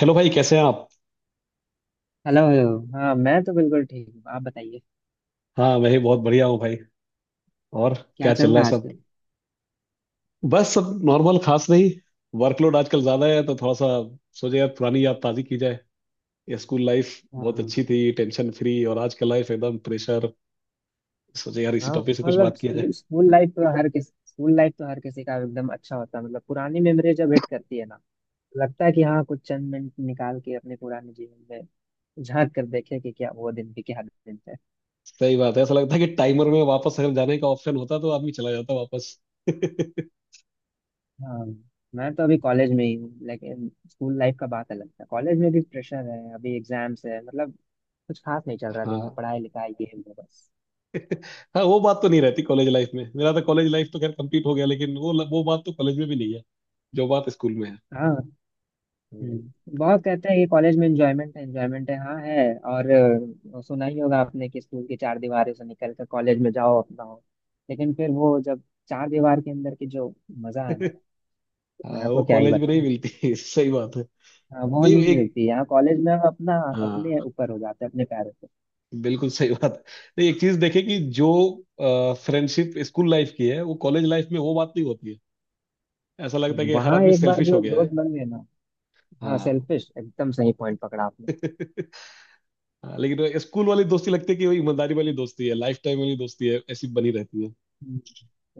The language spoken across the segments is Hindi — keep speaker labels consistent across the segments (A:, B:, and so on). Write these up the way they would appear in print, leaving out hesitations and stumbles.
A: हेलो भाई, कैसे हैं आप।
B: हेलो हेलो हाँ, मैं तो बिल्कुल ठीक हूँ। आप बताइए,
A: हाँ मैं ही बहुत बढ़िया हूँ भाई। और
B: क्या
A: क्या चल
B: चल
A: रहा
B: रहा
A: है
B: है
A: सब।
B: आजकल?
A: बस सब नॉर्मल, खास नहीं। वर्कलोड आजकल ज्यादा है तो थोड़ा सा सोचे यार, पुरानी याद ताजी की जाए। ये स्कूल लाइफ बहुत
B: हाँ।
A: अच्छी थी, टेंशन फ्री, और आज का लाइफ एकदम प्रेशर। सोचे यार इसी
B: हाँ।
A: टॉपिक से कुछ
B: मतलब
A: बात किया जाए।
B: स्कूल स्कूल लाइफ तो हर किस स्कूल लाइफ तो हर किसी का एकदम अच्छा होता है। मतलब पुरानी मेमोरी जब हिट करती है ना, लगता है कि हाँ, कुछ चंद मिनट निकाल के अपने पुराने जीवन में झांक कर देखे कि क्या वो दिन भी क्या दिन थे।
A: सही बात है, ऐसा लगता है कि टाइमर में वापस अगर जाने का ऑप्शन होता तो आदमी चला जाता वापस।
B: हाँ। मैं तो अभी कॉलेज में ही हूँ, लेकिन स्कूल लाइफ का बात अलग था। कॉलेज में भी प्रेशर है, अभी एग्जाम्स है। मतलब कुछ खास नहीं चल रहा, दिन में
A: हाँ।
B: पढ़ाई लिखाई ये है वो बस।
A: हाँ, वो बात तो नहीं रहती कॉलेज लाइफ में। मेरा तो कॉलेज लाइफ तो खैर कंप्लीट हो गया, लेकिन वो बात तो कॉलेज में भी नहीं है जो बात स्कूल में है।
B: हाँ।
A: हम्म।
B: हम्म। बहुत कहते हैं कि कॉलेज में एंजॉयमेंट है एंजॉयमेंट है, हाँ है। और सुना ही होगा आपने कि स्कूल की चार दीवारों से निकल कर कॉलेज में जाओ अपना हो। लेकिन फिर वो जब चार दीवार के अंदर की जो मजा है ना, मैं
A: हाँ, वो
B: आपको क्या ही
A: कॉलेज में नहीं
B: बताऊं।
A: मिलती। सही बात है।
B: हाँ, वो
A: नहीं
B: नहीं
A: एक।
B: मिलती। यहाँ कॉलेज में हम अपना
A: हाँ,
B: अपने ऊपर हो जाते हैं, अपने पैरों पे।
A: बिल्कुल सही बात है। नहीं एक चीज देखे कि जो फ्रेंडशिप स्कूल लाइफ की है वो कॉलेज लाइफ में वो बात नहीं होती है। ऐसा लगता है कि हर
B: वहाँ
A: आदमी
B: एक बार
A: सेल्फिश हो
B: जो
A: गया है।
B: दोस्त बन गए ना। हाँ,
A: हाँ।
B: सेल्फिश, एकदम सही पॉइंट पकड़ा आपने।
A: हाँ, लेकिन स्कूल वाली दोस्ती लगती है कि वही ईमानदारी वाली दोस्ती है, लाइफ टाइम वाली दोस्ती है, ऐसी बनी रहती है।
B: हम्म।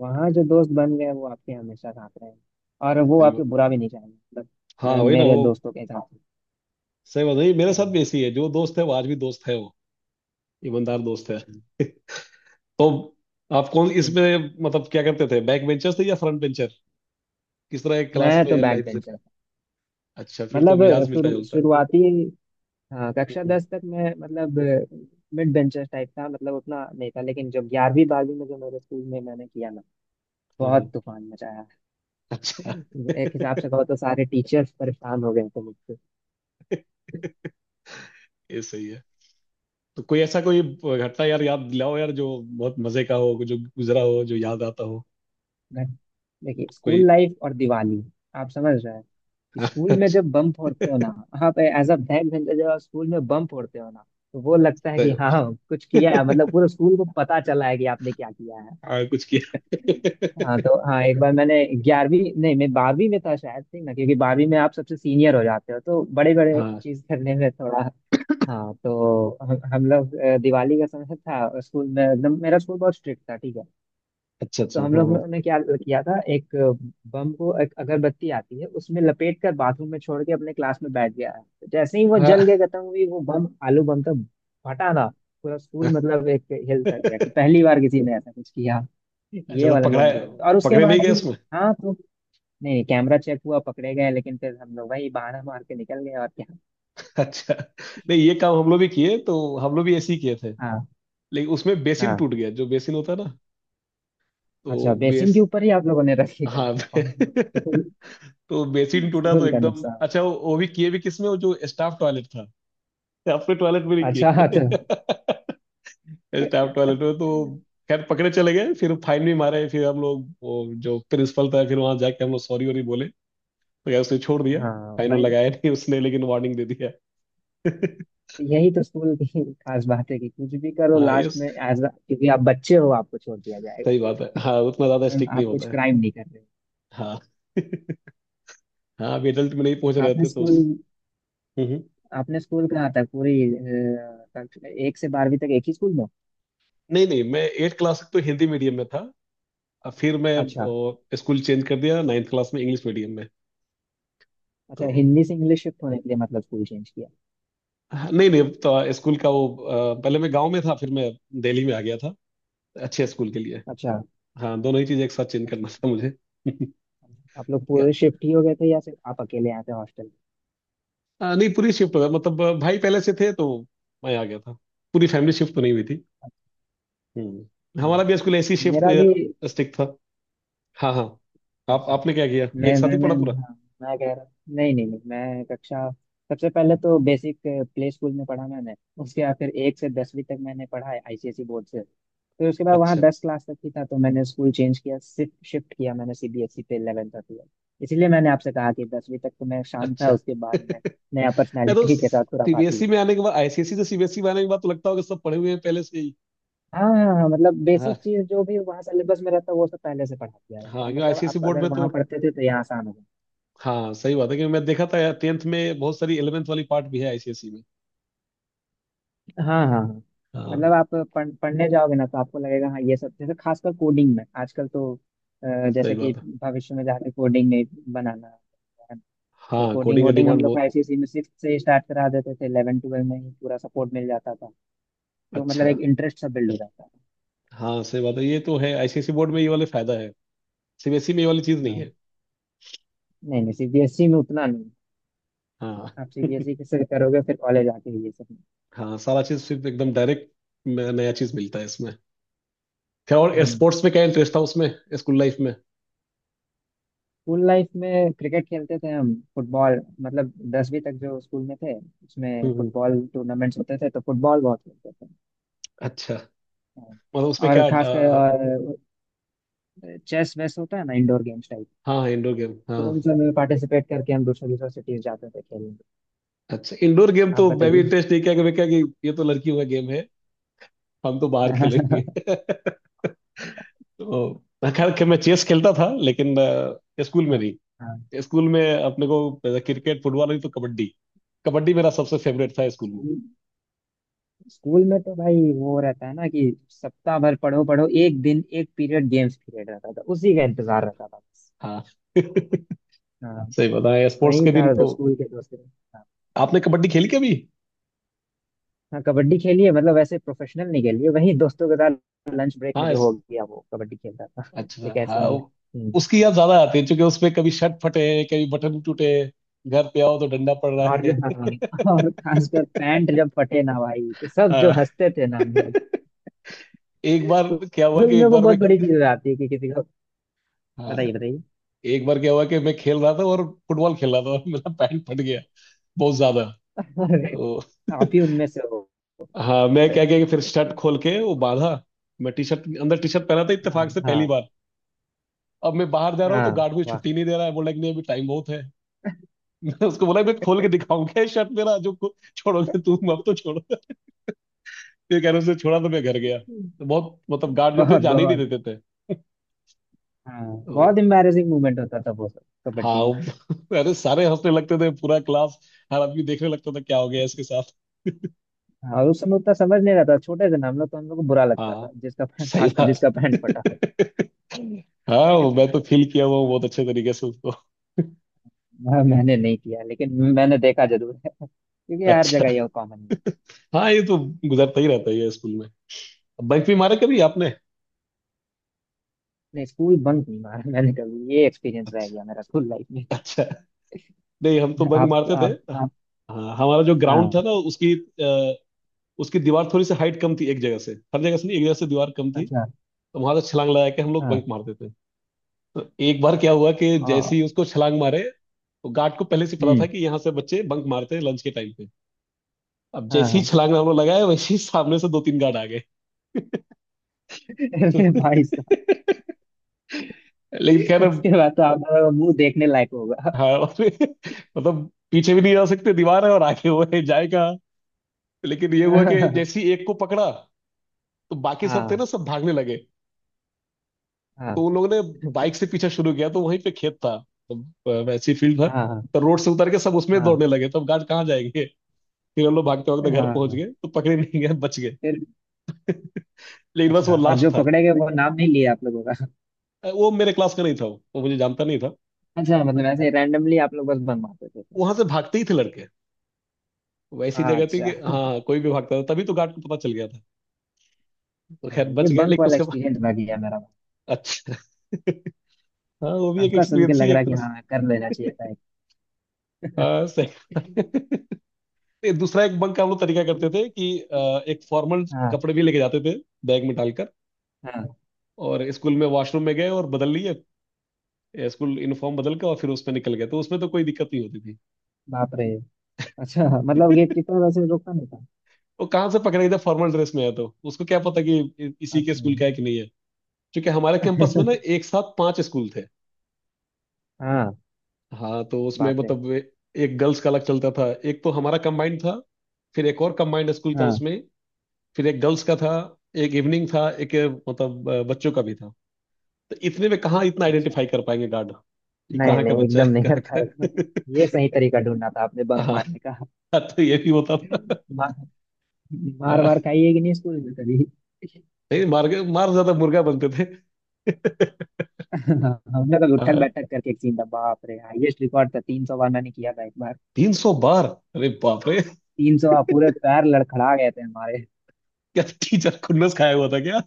B: वहाँ जो दोस्त बन गए वो आपके हमेशा साथ रहेंगे, और वो
A: सही
B: आपको
A: बात।
B: बुरा भी नहीं चाहेंगे। मतलब
A: हाँ
B: मैं
A: वही ना
B: मेरे
A: वो।
B: दोस्तों के साथ।
A: सही बात है, ये मेरे साथ
B: हाँ।
A: भी ऐसी है, जो दोस्त है वो आज भी दोस्त है, वो ईमानदार दोस्त है।
B: तो
A: तो आप कौन इसमें, मतलब क्या करते थे, बैक बेंचर थे या फ्रंट बेंचर, किस तरह एक
B: मैं
A: क्लास
B: तो
A: में
B: बैक
A: लाइफ।
B: बेंचर था।
A: अच्छा, फिर तो
B: मतलब
A: मिजाज मिलता
B: शुरू
A: जुलता है।
B: शुरुआती हाँ, कक्षा
A: हम्म।
B: दस तक मैं मतलब मिड बेंचर टाइप था। मतलब उतना नहीं था, लेकिन जो 11वीं 12वीं में जो मेरे स्कूल में मैंने किया ना,
A: हाँ हाँ।
B: बहुत तूफान मचाया।
A: अच्छा।
B: एक हिसाब से कहो तो सारे टीचर्स परेशान हो गए थे मुझसे।
A: ये सही है। तो कोई ऐसा कोई घटना यार याद दिलाओ यार, जो बहुत मजे का हो, जो गुजरा हो, जो याद आता हो।
B: मैं- देखिए,
A: कोई।
B: स्कूल लाइफ और दिवाली, आप समझ रहे हैं।
A: हाँ,
B: स्कूल में
A: अच्छा।
B: जब बम फोड़ते हो ना, आप एज अ बैक बेंचर जब आप स्कूल में बम फोड़ते हो ना, तो वो लगता है कि
A: तो-
B: हाँ कुछ किया है। मतलब पूरे स्कूल को पता चला है कि आपने क्या किया।
A: हाँ कुछ किया।
B: हाँ तो हाँ, एक बार मैंने 11वीं नहीं, मैं 12वीं में था शायद, ठीक ना? क्योंकि 12वीं में आप सबसे सीनियर हो जाते हो, तो बड़े बड़े
A: हाँ
B: चीज करने में थोड़ा। हाँ, तो हम लोग दिवाली का समय था, स्कूल में एकदम, मेरा स्कूल बहुत स्ट्रिक्ट था, ठीक है।
A: अच्छा
B: तो
A: अच्छा,
B: हम
A: हाँ
B: लोग
A: हाँ।
B: ने क्या किया था, एक बम को एक अगरबत्ती आती है, उसमें लपेट कर बाथरूम में छोड़ के अपने क्लास में बैठ गया है। तो जैसे ही वो
A: हाँ
B: जल के खत्म हुई, वो बम आलू बम तो फटा ना। पूरा स्कूल मतलब एक हिल तक गया कि पहली बार किसी ने ऐसा कुछ किया।
A: अच्छा,
B: ये
A: तो
B: वाला
A: पकड़ा।
B: मेमोरी बहुत, और उसके
A: पकड़े नहीं
B: बाद
A: गए
B: भी।
A: उसमें।
B: हाँ तो नहीं नहीं, कैमरा चेक हुआ पकड़े गए, लेकिन फिर हम लोग वही बहाना मार के निकल गए और क्या।
A: अच्छा। नहीं, ये काम हम लोग भी किए, तो हम लोग भी ऐसे ही किए थे।
B: हाँ।
A: लेकिन उसमें बेसिन
B: हाँ।
A: टूट गया, जो बेसिन होता है ना। तो
B: अच्छा, बेसिन
A: बेस
B: के ऊपर ही आप लोगों ने रखी कर
A: हाँ।
B: दी कौन सी? स्कूल,
A: तो बेसिन टूटा तो
B: स्कूल का
A: एकदम
B: नुकसान।
A: अच्छा वो भी किए, भी किसमें, वो जो स्टाफ टॉयलेट था। अपने टॉयलेट में नहीं
B: अच्छा।
A: किए। स्टाफ
B: अच्छा।
A: टॉयलेट में, तो खैर पकड़े चले गए, फिर फाइन भी मारे, फिर हम लोग वो जो प्रिंसिपल था फिर वहां जाके हम लोग सॉरी वॉरी बोले तो यार उसने छोड़ दिया।
B: हाँ
A: फाइन
B: भाई,
A: लगाया नहीं उसने, लेकिन वार्निंग दे दिया।
B: यही तो स्कूल की खास बात है कि कुछ भी करो
A: हाँ ये
B: लास्ट में
A: सही
B: एज, क्योंकि आप बच्चे हो आपको छोड़ दिया
A: बात है,
B: जाएगा।
A: हाँ उतना
B: उस
A: ज्यादा
B: समय
A: स्ट्रिक्ट नहीं
B: आप कुछ
A: होता है।
B: क्राइम नहीं कर रहे
A: हाँ। हाँ अभी adult में नहीं पहुंच
B: हो।
A: रहे
B: आपने
A: थे तो उस।
B: स्कूल,
A: हम्म, हम्म।
B: आपने स्कूल कहाँ था, पूरी कक्षा- एक से 12वीं तक एक ही स्कूल में?
A: नहीं नहीं, मैं एट क्लास तक तो हिंदी मीडियम में था। अब फिर मैं
B: अच्छा।
A: वो, स्कूल चेंज कर दिया नाइन्थ क्लास में इंग्लिश मीडियम में। तो
B: अच्छा, हिंदी से इंग्लिश शिफ्ट होने के लिए मतलब स्कूल चेंज किया।
A: हाँ, नहीं नहीं तो स्कूल का वो पहले मैं गांव में था, फिर मैं दिल्ली में आ गया था अच्छे स्कूल के लिए।
B: अच्छा।
A: हाँ, दोनों ही चीज़ एक साथ चेंज करना
B: अच्छा,
A: था मुझे।
B: आप लोग पूरे शिफ्ट ही हो गए थे या सिर्फ आप अकेले आए थे हॉस्टल?
A: नहीं, पूरी शिफ्ट हो गया, मतलब भाई पहले से थे तो मैं आ गया था, पूरी फैमिली शिफ्ट तो नहीं हुई थी। हम्म,
B: अच्छा,
A: हमारा भी स्कूल ऐसी शिफ्ट
B: मेरा भी।
A: स्टिक था। हाँ हाँ। आप
B: अच्छा,
A: आपने क्या किया,
B: मैं
A: एक साथ
B: मैं
A: ही
B: मैं
A: पढ़ा पूरा।
B: हाँ, मैं कह रहा, नहीं नहीं नहीं, मैं कक्षा, सबसे पहले तो बेसिक प्ले स्कूल में पढ़ा मैंने। उसके बाद फिर एक से 10वीं तक मैंने पढ़ा है आईसीएसई बोर्ड से। फिर उसके बाद वहाँ
A: अच्छा
B: 10 क्लास तक ही था, तो मैंने स्कूल चेंज किया, शिफ्ट शिफ्ट किया मैंने, सीबीएसई पे 11 तक किया। इसलिए मैंने आपसे कहा कि 10वीं तक तो मैं शांत था,
A: अच्छा।
B: उसके बाद मैं
A: अरे
B: नया
A: तो
B: पर्सनैलिटी के साथ खुराफाती
A: सीबीएसई
B: हूँ।
A: में आने के बाद, आईसीएसई से सीबीएसई में आने के बाद तो लगता होगा सब पढ़े हुए हैं पहले से ही।
B: हाँ हाँ हाँ, मतलब बेसिक
A: हाँ
B: चीज जो भी वहाँ सिलेबस में रहता है वो सब पहले से पढ़ा दिया रहता
A: हाँ
B: है।
A: क्यों,
B: मतलब
A: आईसीएसई
B: आप
A: बोर्ड
B: अगर
A: में तो
B: वहाँ पढ़ते थे तो यहाँ आसान हो।
A: हाँ सही बात है, क्योंकि मैं देखा था यार टेंथ में बहुत सारी 11th वाली पार्ट भी है आईसीएसई में।
B: हाँ हाँ हाँ।
A: हाँ
B: मतलब आप पढ़ने जाओगे ना तो आपको लगेगा हाँ ये सब, जैसे खासकर कोडिंग में आजकल तो,
A: सही
B: जैसे कि
A: बात है।
B: भविष्य में जाके कोडिंग में बनाना है। तो
A: हाँ,
B: कोडिंग
A: कोडिंग का
B: वोडिंग हम
A: डिमांड
B: लोग को
A: बहुत।
B: आईसीएसई में 6 से स्टार्ट करा देते थे, 11 12 में ही पूरा सपोर्ट मिल जाता था। तो मतलब
A: अच्छा,
B: एक इंटरेस्ट सा बिल्ड हो जाता है।
A: हाँ सही बात है ये तो है, आईसीएसई बोर्ड में ये वाले फायदा है, सीबीएसई में ये वाली चीज नहीं है।
B: हाँ, नहीं नहीं सीबीएसई में उतना नहीं।
A: हाँ।
B: आप सीबीएसई से करोगे फिर कॉलेज आके ये सब।
A: हाँ, सारा चीज सिर्फ एकदम डायरेक्ट, नया चीज मिलता है इसमें। क्या और स्पोर्ट्स में क्या इंटरेस्ट था उसमें, स्कूल लाइफ में।
B: स्कूल लाइफ में क्रिकेट खेलते थे हम, फुटबॉल मतलब 10वीं तक जो स्कूल में थे, उसमें
A: हम्म हम्म,
B: फुटबॉल टूर्नामेंट्स होते थे तो फुटबॉल बहुत खेलते थे।
A: अच्छा।
B: हाँ।
A: मतलब उसमें
B: और
A: क्या।
B: खासकर, और चेस वेस होता है ना, इंडोर गेम्स टाइप,
A: हाँ हाँ, इंडोर गेम
B: तो उन
A: हाँ।
B: सब में पार्टिसिपेट करके हम दूसरे दूसरे सिटीज जाते थे खेलने।
A: अच्छा, इंडोर गेम
B: आप
A: तो मैं भी
B: बताइए।
A: इंटरेस्ट नहीं किया, कि मैं क्या कि ये तो लड़कियों का गेम है, हम तो बाहर खेलेंगे।
B: हाँ।
A: तो खैर कि मैं चेस खेलता था, लेकिन स्कूल में नहीं।
B: हाँ।
A: स्कूल में अपने को क्रिकेट फुटबॉल, नहीं तो कबड्डी। कबड्डी मेरा सबसे फेवरेट था स्कूल में।
B: स्कूल, स्कूल में तो भाई वो रहता है ना कि सप्ताह भर पढ़ो पढ़ो, एक दिन एक पीरियड गेम्स पीरियड रहता था, उसी का इंतजार रहता था बस।
A: हाँ। सही
B: हाँ,
A: बताया स्पोर्ट्स
B: वही
A: के दिन
B: था जो
A: को।
B: स्कूल के दोस्त। हाँ।
A: आपने कबड्डी खेली कभी।
B: हाँ, कबड्डी खेली है, मतलब वैसे प्रोफेशनल नहीं खेली है, वही दोस्तों के साथ लंच ब्रेक में
A: हाँ
B: जो हो
A: इस,
B: गया वो कबड्डी खेलता था। एक
A: अच्छा
B: ऐसे
A: हाँ
B: ही है। हम्म।
A: उसकी याद ज्यादा आती है, क्योंकि उसमें कभी शर्ट फटे कभी बटन टूटे, घर पे आओ तो डंडा पड़ रहा
B: और
A: है।
B: जो हाँ, और खासकर पैंट जब फटे ना भाई, तो सब जो
A: हाँ।
B: हंसते थे ना हम लोग।
A: एक बार
B: तो
A: क्या हुआ
B: स्कूल
A: कि
B: में
A: एक
B: वो
A: बार मैं।
B: बहुत बड़ी चीज आती है कि किसी को।
A: हाँ।
B: बताइए बताइए।
A: एक बार क्या हुआ कि मैं खेल रहा था, और फुटबॉल खेल रहा था, और मेरा पैंट फट गया बहुत ज्यादा।
B: अरे,
A: तो
B: आप ही उनमें से हो।
A: हाँ मैं क्या किया कि फिर शर्ट खोल के वो बांधा, मैं टी शर्ट अंदर टी शर्ट पहना था
B: हाँ
A: इत्तेफाक से पहली
B: हाँ
A: बार। अब मैं बाहर जा रहा हूँ तो
B: हाँ,
A: गार्ड मुझे
B: वाह।
A: छुट्टी नहीं दे रहा है, बोला कि नहीं अभी टाइम बहुत है। मैं उसको बोला मैं खोल के दिखाऊंगा शर्ट मेरा जो छोड़ोगे तुम अब, तो छोड़ो। ये कह रहे, उसने छोड़ा तो मैं घर गया। तो बहुत मतलब गार्ड जो थे
B: बहुत
A: जाने ही नहीं
B: बहुत,
A: देते थे।
B: हाँ बहुत
A: तो
B: एम्बैरेसिंग मोमेंट होता था वो सब।
A: हाँ।
B: कबड्डी में।
A: वो- अरे सारे हंसने लगते थे पूरा क्लास, हर आदमी देखने लगता था क्या हो गया इसके साथ।
B: हाँ, उस समय उतना समझ नहीं रहा था, छोटे थे ना हम लोग, तो हम लोग को बुरा लगता
A: हाँ
B: था जिसका पैंट,
A: सही
B: खासकर
A: बात।
B: जिसका पैंट फटा हो।
A: हाँ वो मैं तो फील किया हुआ हूँ बहुत अच्छे तरीके से उसको।
B: मैंने नहीं किया, लेकिन मैंने देखा जरूर है। क्योंकि हर
A: अच्छा
B: जगह ये कॉमन है।
A: हाँ, ये तो गुजरता ही रहता है ये स्कूल में। बंक भी मारा कभी आपने।
B: नहीं, स्कूल बंक नहीं मारा। मैंने कभी, ये एक्सपीरियंस रह
A: अच्छा
B: गया मेरा स्कूल लाइफ में।
A: अच्छा, नहीं हम तो बंक
B: आप
A: मारते थे।
B: आप आप
A: हाँ, हमारा जो ग्राउंड था
B: हाँ।
A: ना उसकी उसकी दीवार थोड़ी सी हाइट कम थी एक जगह से, हर जगह से नहीं, एक जगह से दीवार कम थी।
B: अच्छा।
A: तो वहां से छलांग लगा के हम लोग
B: हाँ।
A: बंक मारते थे। तो एक बार क्या हुआ कि
B: आ,
A: जैसे ही उसको छलांग मारे, तो गार्ड को पहले से पता था
B: हम्म।
A: कि यहाँ से बच्चे बंक मारते हैं लंच के टाइम पे। अब
B: हाँ।
A: जैसे ही
B: हाँ।
A: छलांग हम लोग लगाए वैसे ही सामने से दो तीन गार्ड आ गए।
B: अरे भाई साहब,
A: लेकिन खैर अब-
B: उसके बाद तो आप लोगों का मुंह देखने लायक होगा।
A: हाँ। मतलब पीछे भी नहीं जा सकते दीवार है, और आगे वो है जाएगा। लेकिन ये हुआ कि
B: हाँ।
A: जैसे ही एक को पकड़ा, तो बाकी सब थे
B: हाँ
A: ना सब भागने लगे। तो उन लोगों ने बाइक से पीछा शुरू किया, तो वहीं पे खेत था, तो वैसी फील्ड था,
B: हाँ
A: तो रोड से उतर के सब उसमें
B: हाँ
A: दौड़ने लगे, तब तो गार्ड कहाँ जाएंगे। फिर हम लोग भागते भागते
B: हाँ
A: घर पहुंच
B: हाँ।
A: गए, तो पकड़े नहीं गए, बच गए।
B: फिर
A: लेकिन बस वो
B: अच्छा, और
A: लास्ट
B: जो
A: था।
B: पकड़े गए वो नाम नहीं लिया आप लोगों?
A: वो मेरे क्लास का नहीं था, वो मुझे जानता नहीं था।
B: अच्छा, मतलब ऐसे रैंडमली आप लोग बस बंक मारते थे?
A: वहां से भागते ही थे लड़के, वो ऐसी जगह थी कि
B: अच्छा।
A: हाँ हाँ, कोई भी भागता था, तभी तो गार्ड को पता चल गया था। तो
B: हाँ,
A: खैर
B: ये
A: बच गए,
B: बंक
A: लेकिन
B: वाला
A: उसके बाद।
B: एक्सपीरियंस रह गया मेरा।
A: अच्छा। हाँ वो भी एक
B: आपका सुन के
A: एक्सपीरियंस ही
B: लग
A: है
B: रहा
A: एक
B: है कि
A: तरह से।
B: हाँ, कर लेना चाहिए था एक।
A: हाँ सही। दूसरा एक बंक का हम लोग तरीका करते थे कि एक फॉर्मल
B: हाँ।
A: कपड़े भी लेके जाते थे बैग में डालकर,
B: हाँ।
A: और स्कूल में वॉशरूम में गए और बदल लिए, स्कूल यूनिफॉर्म बदल के और फिर उसमें निकल गए, तो उसमें तो कोई दिक्कत नहीं होती थी।
B: बाप रे। अच्छा, मतलब गेट कीपर वैसे रोकता नहीं था?
A: वो कहाँ से पकड़े गए थे, फॉर्मल ड्रेस में है तो उसको क्या पता कि इसी के
B: अच्छा।
A: स्कूल का है कि नहीं है। क्योंकि हमारे कैंपस में ना एक साथ 5 स्कूल थे।
B: हाँ,
A: हाँ तो उसमें
B: बाप रे।
A: मतलब एक गर्ल्स का अलग चलता था, एक तो हमारा कंबाइंड था, फिर एक और कंबाइंड स्कूल था
B: हाँ।
A: उसमें, फिर एक गर्ल्स का था, एक इवनिंग था, एक मतलब बच्चों का भी था। तो इतने में कहाँ इतना
B: अच्छा,
A: आइडेंटिफाई कर पाएंगे गार्ड, ये
B: नहीं
A: कहाँ का
B: नहीं,
A: बच्चा
B: एकदम
A: है
B: नहीं कर
A: कहाँ का।
B: पाएगा। ये सही तरीका ढूंढना था आपने बंक मारने का।
A: हाँ तो ये भी होता था।
B: मार मार
A: हाँ,
B: मार खाई है कि नहीं स्कूल में कभी?
A: नहीं मार के, मार ज्यादा मुर्गा बनते थे।
B: हाँ, हम लोग उठक
A: हाँ,
B: बैठक करके एक सीन था, बाप रे हाईएस्ट रिकॉर्ड था 300 बार मैंने किया था एक बार।
A: 300 बार, अरे बाप रे,
B: 300 बार, पूरे पैर लड़खड़ा गए थे हमारे।
A: क्या टीचर खुन्नस खाया हुआ था क्या।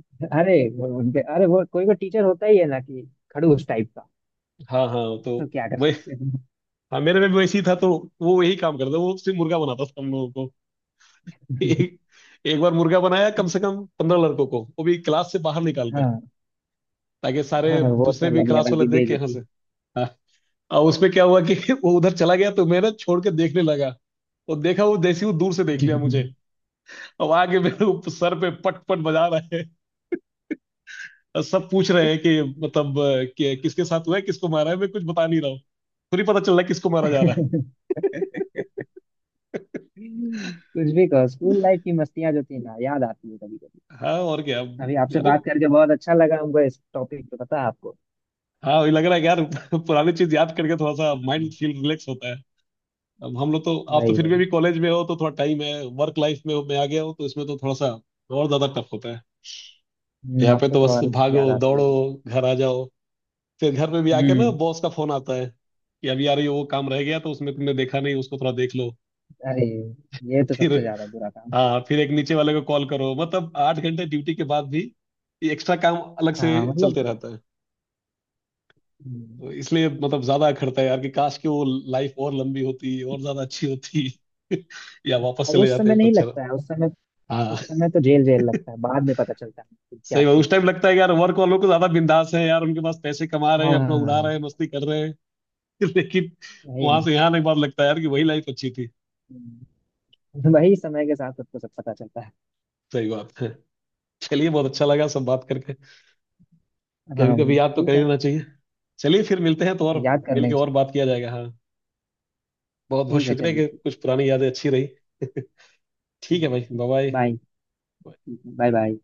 B: अरे वो उनके, अरे वो कोई कोई टीचर होता ही है ना कि खड़ूस टाइप का,
A: हाँ हाँ, तो
B: तो क्या कर
A: वही।
B: सकते हैं।
A: हाँ मेरे में भी वैसे ही था, तो वो यही काम करता, वो सिर्फ मुर्गा बनाता था हम लोगों को। एक, एक बार मुर्गा बनाया कम से कम 15 लड़कों को, वो भी क्लास से बाहर निकाल कर
B: हाँ।
A: ताकि
B: हाँ,
A: सारे
B: वो तो
A: दूसरे भी
B: अलग
A: क्लास
B: लेवल
A: वाले
B: की
A: देख के यहाँ से।
B: बेइज्जती।
A: हाँ और उसमें क्या हुआ कि वो उधर चला गया तो मैं ना छोड़ के देखने लगा, और देखा, वो जैसे ही वो दूर से देख लिया मुझे, अब आगे मेरे ऊपर सर पे पट पट बजा रहा है। और सब पूछ रहे हैं कि मतलब किसके साथ हुआ है, किसको मारा है, मैं कुछ बता नहीं रहा हूँ, खुद ही पता चल रहा है किसको मारा जा रहा है।
B: कुछ भी कहो, स्कूल लाइफ की मस्तियां जो थी ना, याद आती है कभी कभी।
A: हाँ और क्या
B: अभी आपसे
A: यार।
B: बात करके बहुत अच्छा लगा हमको इस टॉपिक पे, पता है आपको।
A: हाँ वही लग रहा है कि यार पुरानी चीज याद करके थोड़ा सा माइंड
B: हम्म,
A: फील रिलैक्स होता है। अब हम लोग तो, आप तो
B: वही
A: फिर भी
B: वही।
A: अभी कॉलेज में हो तो थोड़ा टाइम है, वर्क लाइफ में हो, मैं आ गया हूँ तो इसमें तो थोड़ा सा और ज्यादा टफ होता है। यहाँ पे
B: आपको
A: तो
B: तो
A: बस
B: और
A: भागो
B: याद आती है।
A: दौड़ो, घर आ जाओ, फिर घर पे भी आके ना
B: हम्म
A: बॉस का फोन आता है कि अभी यार ये वो काम रह गया तो उसमें तुमने देखा नहीं उसको थोड़ा देख लो।
B: अरे, ये तो सबसे
A: फिर
B: ज्यादा बुरा काम।
A: हाँ, फिर एक नीचे वाले को कॉल करो, मतलब 8 घंटे ड्यूटी के बाद भी एक्स्ट्रा काम अलग से
B: हाँ मतलब।
A: चलते रहता है।
B: हम्म,
A: तो इसलिए मतलब ज्यादा अखरता है यार कि काश कि वो लाइफ और लंबी होती और ज्यादा अच्छी होती। या वापस
B: और
A: चले
B: उस
A: जाते
B: समय
A: तो
B: नहीं
A: अच्छा।
B: लगता है उस समय।
A: हाँ
B: उस समय तो जेल जेल लगता है, बाद में पता चलता है कि क्या
A: सही बात,
B: ठीक
A: उस
B: है।
A: टाइम लगता है कि यार वर्क वालों को ज्यादा बिंदास है यार, उनके पास पैसे कमा रहे हैं, अपना उड़ा
B: हाँ,
A: रहे हैं, मस्ती कर रहे हैं। लेकिन
B: वही
A: वहां
B: ना।
A: से यहाँ एक बार लगता है यार कि वही लाइफ अच्छी थी।
B: हम्म, वही, समय के साथ सबको सब पता चलता है।
A: सही बात है। चलिए, बहुत अच्छा लगा सब बात करके, कभी
B: हाँ।
A: कभी याद तो कर
B: ठीक
A: ही
B: है,
A: लेना चाहिए। चलिए फिर मिलते हैं, तो और
B: याद करना
A: मिलके
B: ही
A: और
B: चाहिए।
A: बात किया जाएगा हाँ। बहुत बहुत
B: ठीक है,
A: शुक्रिया
B: चलिए
A: कि
B: ठीक।
A: कुछ पुरानी यादें अच्छी रही। ठीक है भाई,
B: ठीक
A: बाय
B: है,
A: बाय।
B: बाय। Bye bye.